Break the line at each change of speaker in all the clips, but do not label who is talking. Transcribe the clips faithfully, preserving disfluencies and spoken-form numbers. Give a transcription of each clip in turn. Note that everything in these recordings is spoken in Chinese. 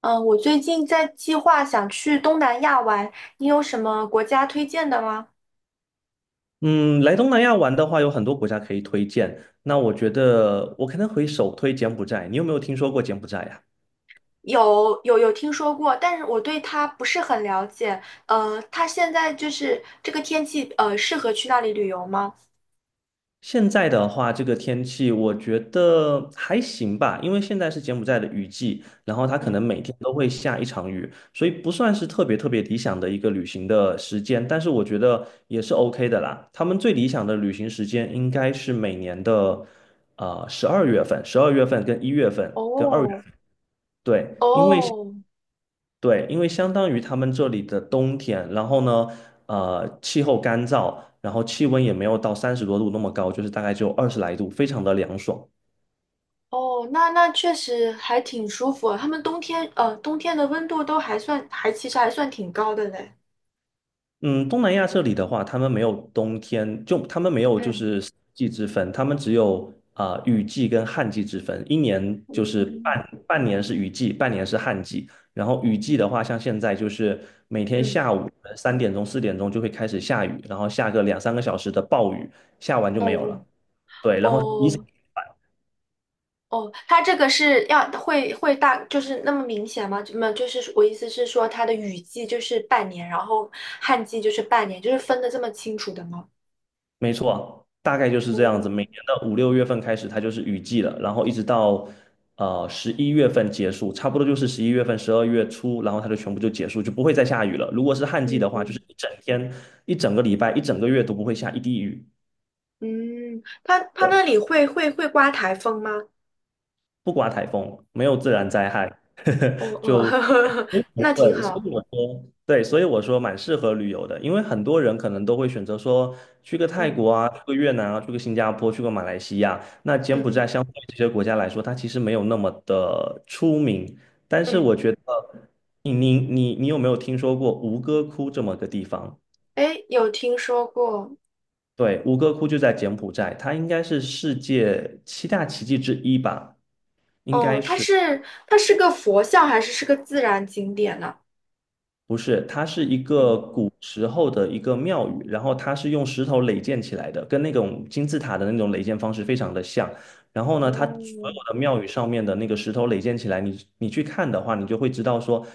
嗯，呃我最近在计划想去东南亚玩，你有什么国家推荐的吗？
嗯，来东南亚玩的话，有很多国家可以推荐。那我觉得我可能会首推柬埔寨。你有没有听说过柬埔寨呀？
有有有听说过，但是我对它不是很了解。呃，它现在就是这个天气，呃，适合去那里旅游吗？
现在的话，这个天气我觉得还行吧，因为现在是柬埔寨的雨季，然后它可
嗯，
能每天都会下一场雨，所以不算是特别特别理想的一个旅行的时间，但是我觉得也是 O K 的啦。他们最理想的旅行时间应该是每年的呃十二月份，十二月份跟一月份跟二月
哦
份，对，因为。
哦
对，因为相当于他们这里的冬天，然后呢，呃，气候干燥，然后气温也没有到三十多度那么高，就是大概只有二十来度，非常的凉爽。
哦，那那确实还挺舒服啊。他们冬天，呃，冬天的温度都还算，还其实还算挺高的嘞。
嗯，东南亚这里的话，他们没有冬天，就他们没有就
嗯
是四季之分，他们只有啊、呃雨季跟旱季之分，一年就是
嗯
半半年是雨季，半年是旱季。然后雨季的话，像现在就是每天
嗯
下午三点钟、四点钟就会开始下雨，然后下个两三个小时的暴雨，下完就
嗯
没有
嗯
了。对，然后一
哦。哦，它这个是要会会大，就是那么明显吗？没么就是我意思是说，它的雨季就是半年，然后旱季就是半年，就是分的这么清楚的吗？
没错，大概就是这样子。每年
哦，
的五六月份开始，它就是雨季了，然后一直到呃十一月份结束，差不多就是十一月份、十二月初，然后它就全部就结束，就不会再下雨了。如果是旱季的
嗯
话，就是
嗯
一整天、一整个礼拜、一整个月都不会下一滴雨。
嗯，它它那
对。
里会会会刮台风吗？
不刮台风，没有自然灾害，呵呵，
哦哦，
就 都不
那挺
会。所以
好。
我说对，所以我说蛮适合旅游的，因为很多人可能都会选择说去个泰
嗯
国啊，去个越南啊，去个新加坡，去个马来西亚。那柬
嗯
埔寨
嗯
相对这些国家来说，它其实没有那么的出名，但是
嗯，
我觉得你你你你有没有听说过吴哥窟这么个地方？
哎，有听说过。
对，吴哥窟就在柬埔寨，它应该是世界七大奇迹之一吧，应
哦，
该
它
是。
是它是个佛像还是是个自然景点呢？
不是，它是一个
嗯，
古时候的一个庙宇，然后它是用石头垒建起来的，跟那种金字塔的那种垒建方式非常的像。然后呢，它所
哦，
有的庙宇上面的那个石头垒建起来，你你去看的话，你就会知道说，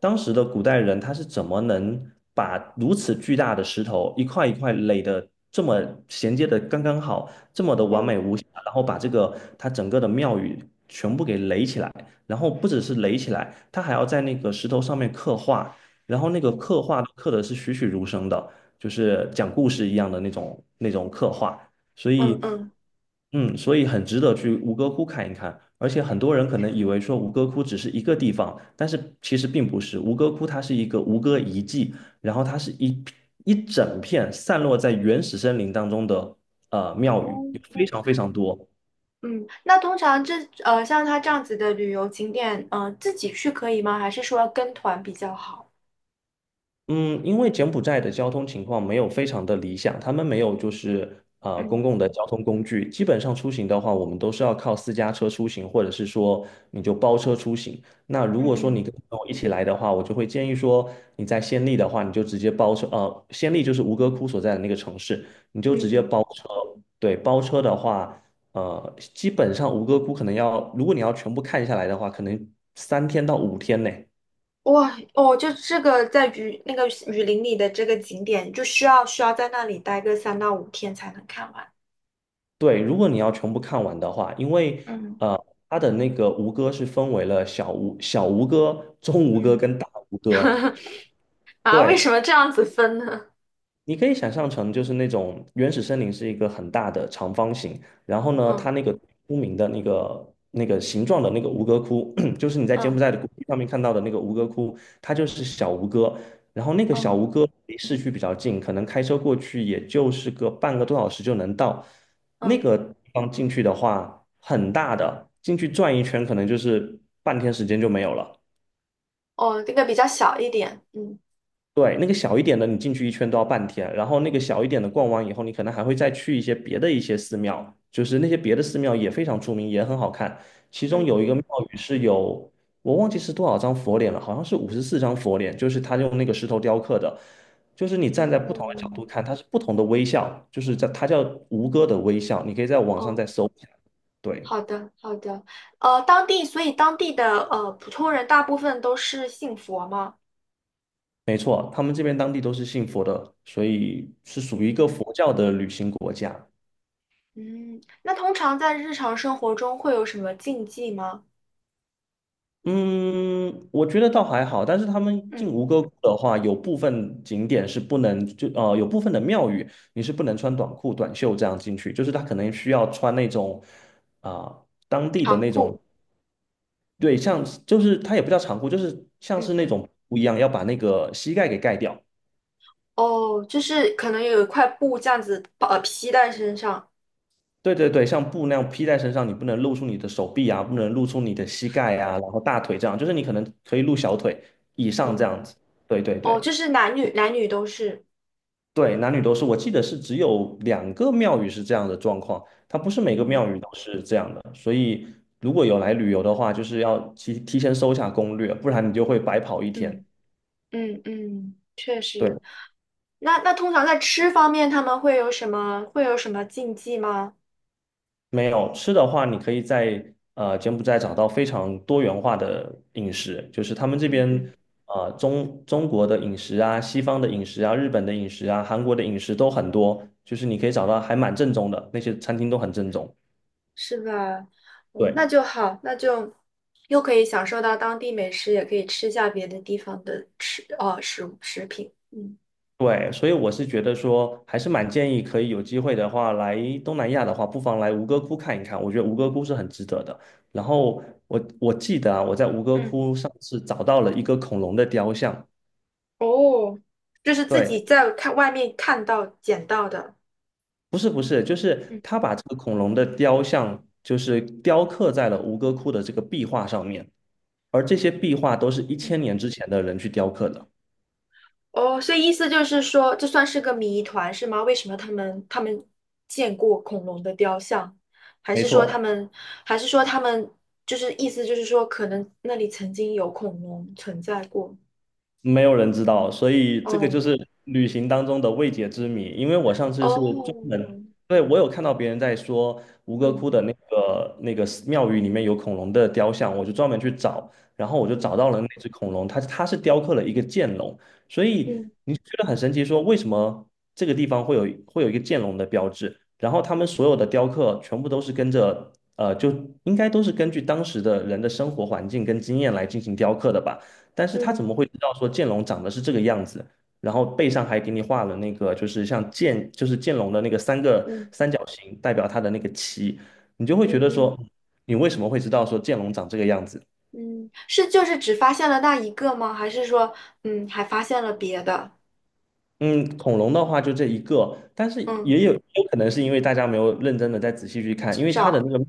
当时的古代人他是怎么能把如此巨大的石头一块一块垒的这么衔接的刚刚好，这么的完美
嗯
无瑕，然后把这个它整个的庙宇全部给垒起来，然后不只是垒起来，它还要在那个石头上面刻画。然后那个
嗯
刻画都刻的是栩栩如生的，就是讲故事一样的那种那种刻画，所
嗯
以，
嗯，
嗯，所以很值得去吴哥窟看一看。而且很多人可能以为说吴哥窟只是一个地方，但是其实并不是，吴哥窟它是一个吴哥遗迹，然后它是一一整片散落在原始森林当中的呃庙宇，有非
哦。
常非常多。
嗯，那通常这呃像它这样子的旅游景点，呃，自己去可以吗？还是说要跟团比较好？
嗯，因为柬埔寨的交通情况没有非常的理想，他们没有就是呃公
嗯
共的交通工具，基本上出行的话，我们都是要靠私家车出行，或者是说你就包车出行。那如
嗯
果说
嗯
你跟我一起来的话，我就会建议说你在暹粒的话，你就直接包车，呃，暹粒就是吴哥窟所在的那个城市，你就
嗯
直接
嗯，
包车。对，包车的话，呃，基本上吴哥窟可能要，如果你要全部看下来的话，可能三天到五天呢。
哇哦，就这个在雨那个雨林里的这个景点，就需要需要在那里待个三到五天才能看完。
对，如果你要全部看完的话，因为
嗯
呃，它的那个吴哥是分为了小吴、小吴哥、中吴哥
嗯，
跟大吴哥。
啊，为
对，
什么这样子分呢？
你可以想象成就是那种原始森林是一个很大的长方形，然后呢，它
嗯
那个出名的那个那个形状的那个吴哥窟，就是你在柬
嗯
埔寨的谷地上面看到的那个吴哥窟，它就是小吴哥。然后那个小吴
嗯
哥离市区比较近，可能开车过去也就是个半个多小时就能到。那
嗯，
个地方进去的话，很大的，进去转一圈可能就是半天时间就没有了。
哦，这个比较小一点。嗯
对，那个小一点的，你进去一圈都要半天，然后那个小一点的逛完以后，你可能还会再去一些别的一些寺庙，就是那些别的寺庙也非常出名，也很好看。其中
嗯
有一个
嗯，
庙宇是有，我忘记是多少张佛脸了，好像是五十四张佛脸，就是他用那个石头雕刻的，就是你站在不同的角度
哦
看，它是不同的微笑，就是在它叫吴哥的微笑，你可以在网上
哦。
再搜一下。对，
好的，好的。呃，当地，所以当地的呃普通人大部分都是信佛吗？
没错，他们这边当地都是信佛的，所以是属于一
嗯
个佛教的旅行国家。
嗯。那通常在日常生活中会有什么禁忌吗？
嗯，我觉得倒还好，但是他们进
嗯，
吴哥窟的话，有部分景点是不能就呃，有部分的庙宇你是不能穿短裤、短袖这样进去，就是他可能需要穿那种啊、当地的
长
那种，
裤。
对，像就是它也不叫长裤，就是像
嗯，
是那种布一样，要把那个膝盖给盖掉。
哦，就是可能有一块布这样子把呃披在身上。
对对对，像布那样披在身上，你不能露出你的手臂啊，不能露出你的膝盖啊，然后大腿这样，就是你可能可以露小腿以上这
嗯，
样子。对对
哦，
对。
就是男女男女都是。
对，男女都是，我记得是只有两个庙宇是这样的状况，它不是每个
嗯
庙宇都是这样的，所以如果有来旅游的话，就是要提提前搜一下攻略，不然你就会白跑一
嗯
天。
嗯嗯，确
对，
实。那那通常在吃方面，他们会有什么会有什么禁忌吗？
没有吃的话，你可以在呃柬埔寨找到非常多元化的饮食，就是他们这
嗯
边
嗯。
呃中中国的饮食啊、西方的饮食啊、日本的饮食啊、韩国的饮食都很多，就是你可以找到还蛮正宗的，那些餐厅都很正宗。
是吧？嗯，那
对。
就好，那就又可以享受到当地美食，也可以吃下别的地方的吃哦食物食品。嗯
对，所以我是觉得说，还是蛮建议可以有机会的话，来东南亚的话，不妨来吴哥窟看一看。我觉得吴哥窟是很值得的。然后我我记得啊，我在吴哥
嗯，
窟上次找到了一个恐龙的雕像。
哦，就是自
对，
己在看外面看到捡到的。
不是不是，就是
嗯
他把这个恐龙的雕像，就是雕刻在了吴哥窟的这个壁画上面，而这些壁画都是一千
嗯，
年之前的人去雕刻的。
哦，所以意思就是说，这算是个谜团是吗？为什么他们他们见过恐龙的雕像，还
没
是说他
错，
们还是说他们就是意思就是说，可能那里曾经有恐龙存在过？
没有人知道，所以这个就
哦
是旅行当中的未解之谜。因为我上次是专门，
哦，
对，我有看到别人在说吴哥
嗯。
窟的那个那个寺庙宇里面有恐龙的雕像，我就专门去找，然后我就找
嗯
到了那只恐龙，它它是雕刻了一个剑龙，所以
嗯
你觉得很神奇，说为什么这个地方会有会有一个剑龙的标志？然后他们所有的雕刻全部都是跟着，呃，就应该都是根据当时的人的生活环境跟经验来进行雕刻的吧。但是他怎
嗯
么会知道说剑龙长得是这个样子？然后背上还给你画了那个，就是像剑，就是剑龙的那个三个
嗯
三角形代表它的那个鳍，你就会觉
嗯
得
嗯
说，嗯你为什么会知道说剑龙长这个样子？
嗯，是就是只发现了那一个吗？还是说，嗯，还发现了别的？
嗯，恐龙的话就这一个，但是
嗯，
也有也有可能是因为大家没有认真的再仔细去看，因为它的
找
那个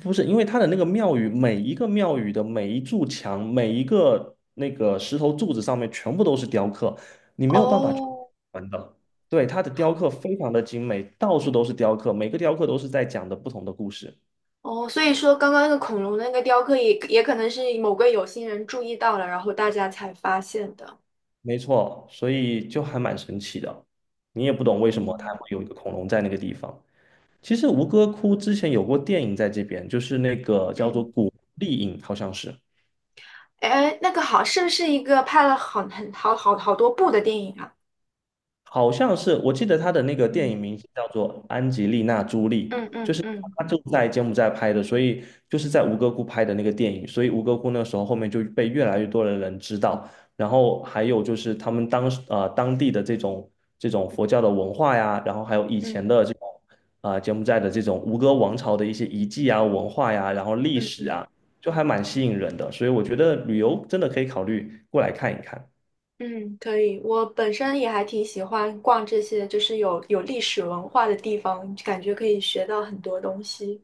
不是因为它的那个庙宇，每一个庙宇的每一柱墙，每一个那个石头柱子上面全部都是雕刻，你没有办法去
哦
完的。对，它的雕刻非常的精美，到处都是雕刻，每个雕刻都是在讲的不同的故事。
哦，所以说刚刚那个恐龙的那个雕刻也也可能是某个有心人注意到了，然后大家才发现的。
没错，所以就还蛮神奇的，你也不懂为什么它
嗯
会有一个恐龙在那个地方。其实吴哥窟之前有过电影在这边，就是那个叫做
嗯，
《古丽影》，好像是。
哎，那个好，是不是一个拍了很很好好好多部的电影啊？
好像是，我记得他的那个电
嗯
影名字叫做安吉丽娜·朱
嗯
莉，就
嗯
是
嗯
他就在柬埔寨拍的，所以就是在吴哥窟拍的那个电影，所以吴哥窟那时候后面就被越来越多的人知道，然后还有就是他们当时呃当地的这种这种佛教的文化呀，然后还有以
嗯
前的这种啊、呃柬埔寨的这种吴哥王朝的一些遗迹啊、文化呀，然后历
嗯
史
嗯。
啊，就还蛮吸引人的，所以我觉得旅游真的可以考虑过来看一看。
嗯，可以。我本身也还挺喜欢逛这些，就是有有历史文化的地方，感觉可以学到很多东西。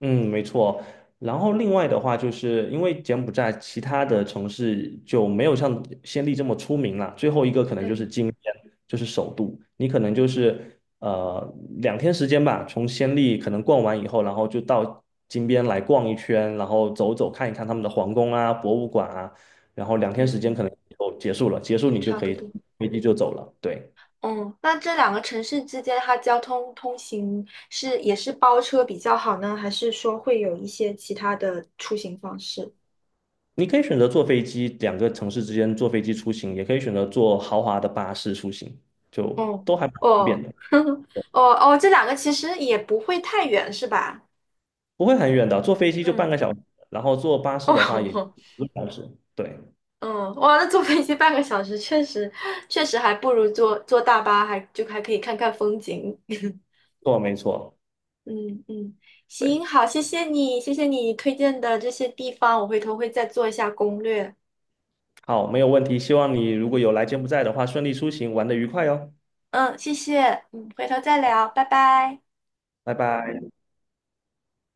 嗯，没错。然后另外的话，就是因为柬埔寨其他的城市就没有像暹粒这么出名了。最后一个可能就是
嗯
金边，就是首都。你可能就是呃两天时间吧，从暹粒可能逛完以后，然后就到金边来逛一圈，然后走走看一看他们的皇宫啊、博物馆啊，然后两天
嗯
时间
嗯，
可能就结束了。结束
就
你就
差
可
不
以
多。
飞机就走了。对。
嗯，那这两个城市之间，它交通通行是也是包车比较好呢，还是说会有一些其他的出行方式？
你可以选择坐飞机，两个城市之间坐飞机出行，也可以选择坐豪华的巴士出行，就
哦
都还蛮方便
哦
的，
哦哦，这两个其实也不会太远，是吧？
不会很远的。坐飞机就半个
嗯，
小时，然后坐巴士的话也
哦
一个小时。对，
嗯，哇，那坐飞机半个小时，确实确实还不如坐坐大巴，还就还可以看看风景。
错，没错，
嗯嗯，行，
对，
好，谢谢你，谢谢你推荐的这些地方，我回头会再做一下攻略。
好，没有问题。希望你如果有来柬埔寨的话，顺利出行，玩得愉快哦，
嗯，谢谢，嗯，回头再聊，拜拜。
拜拜。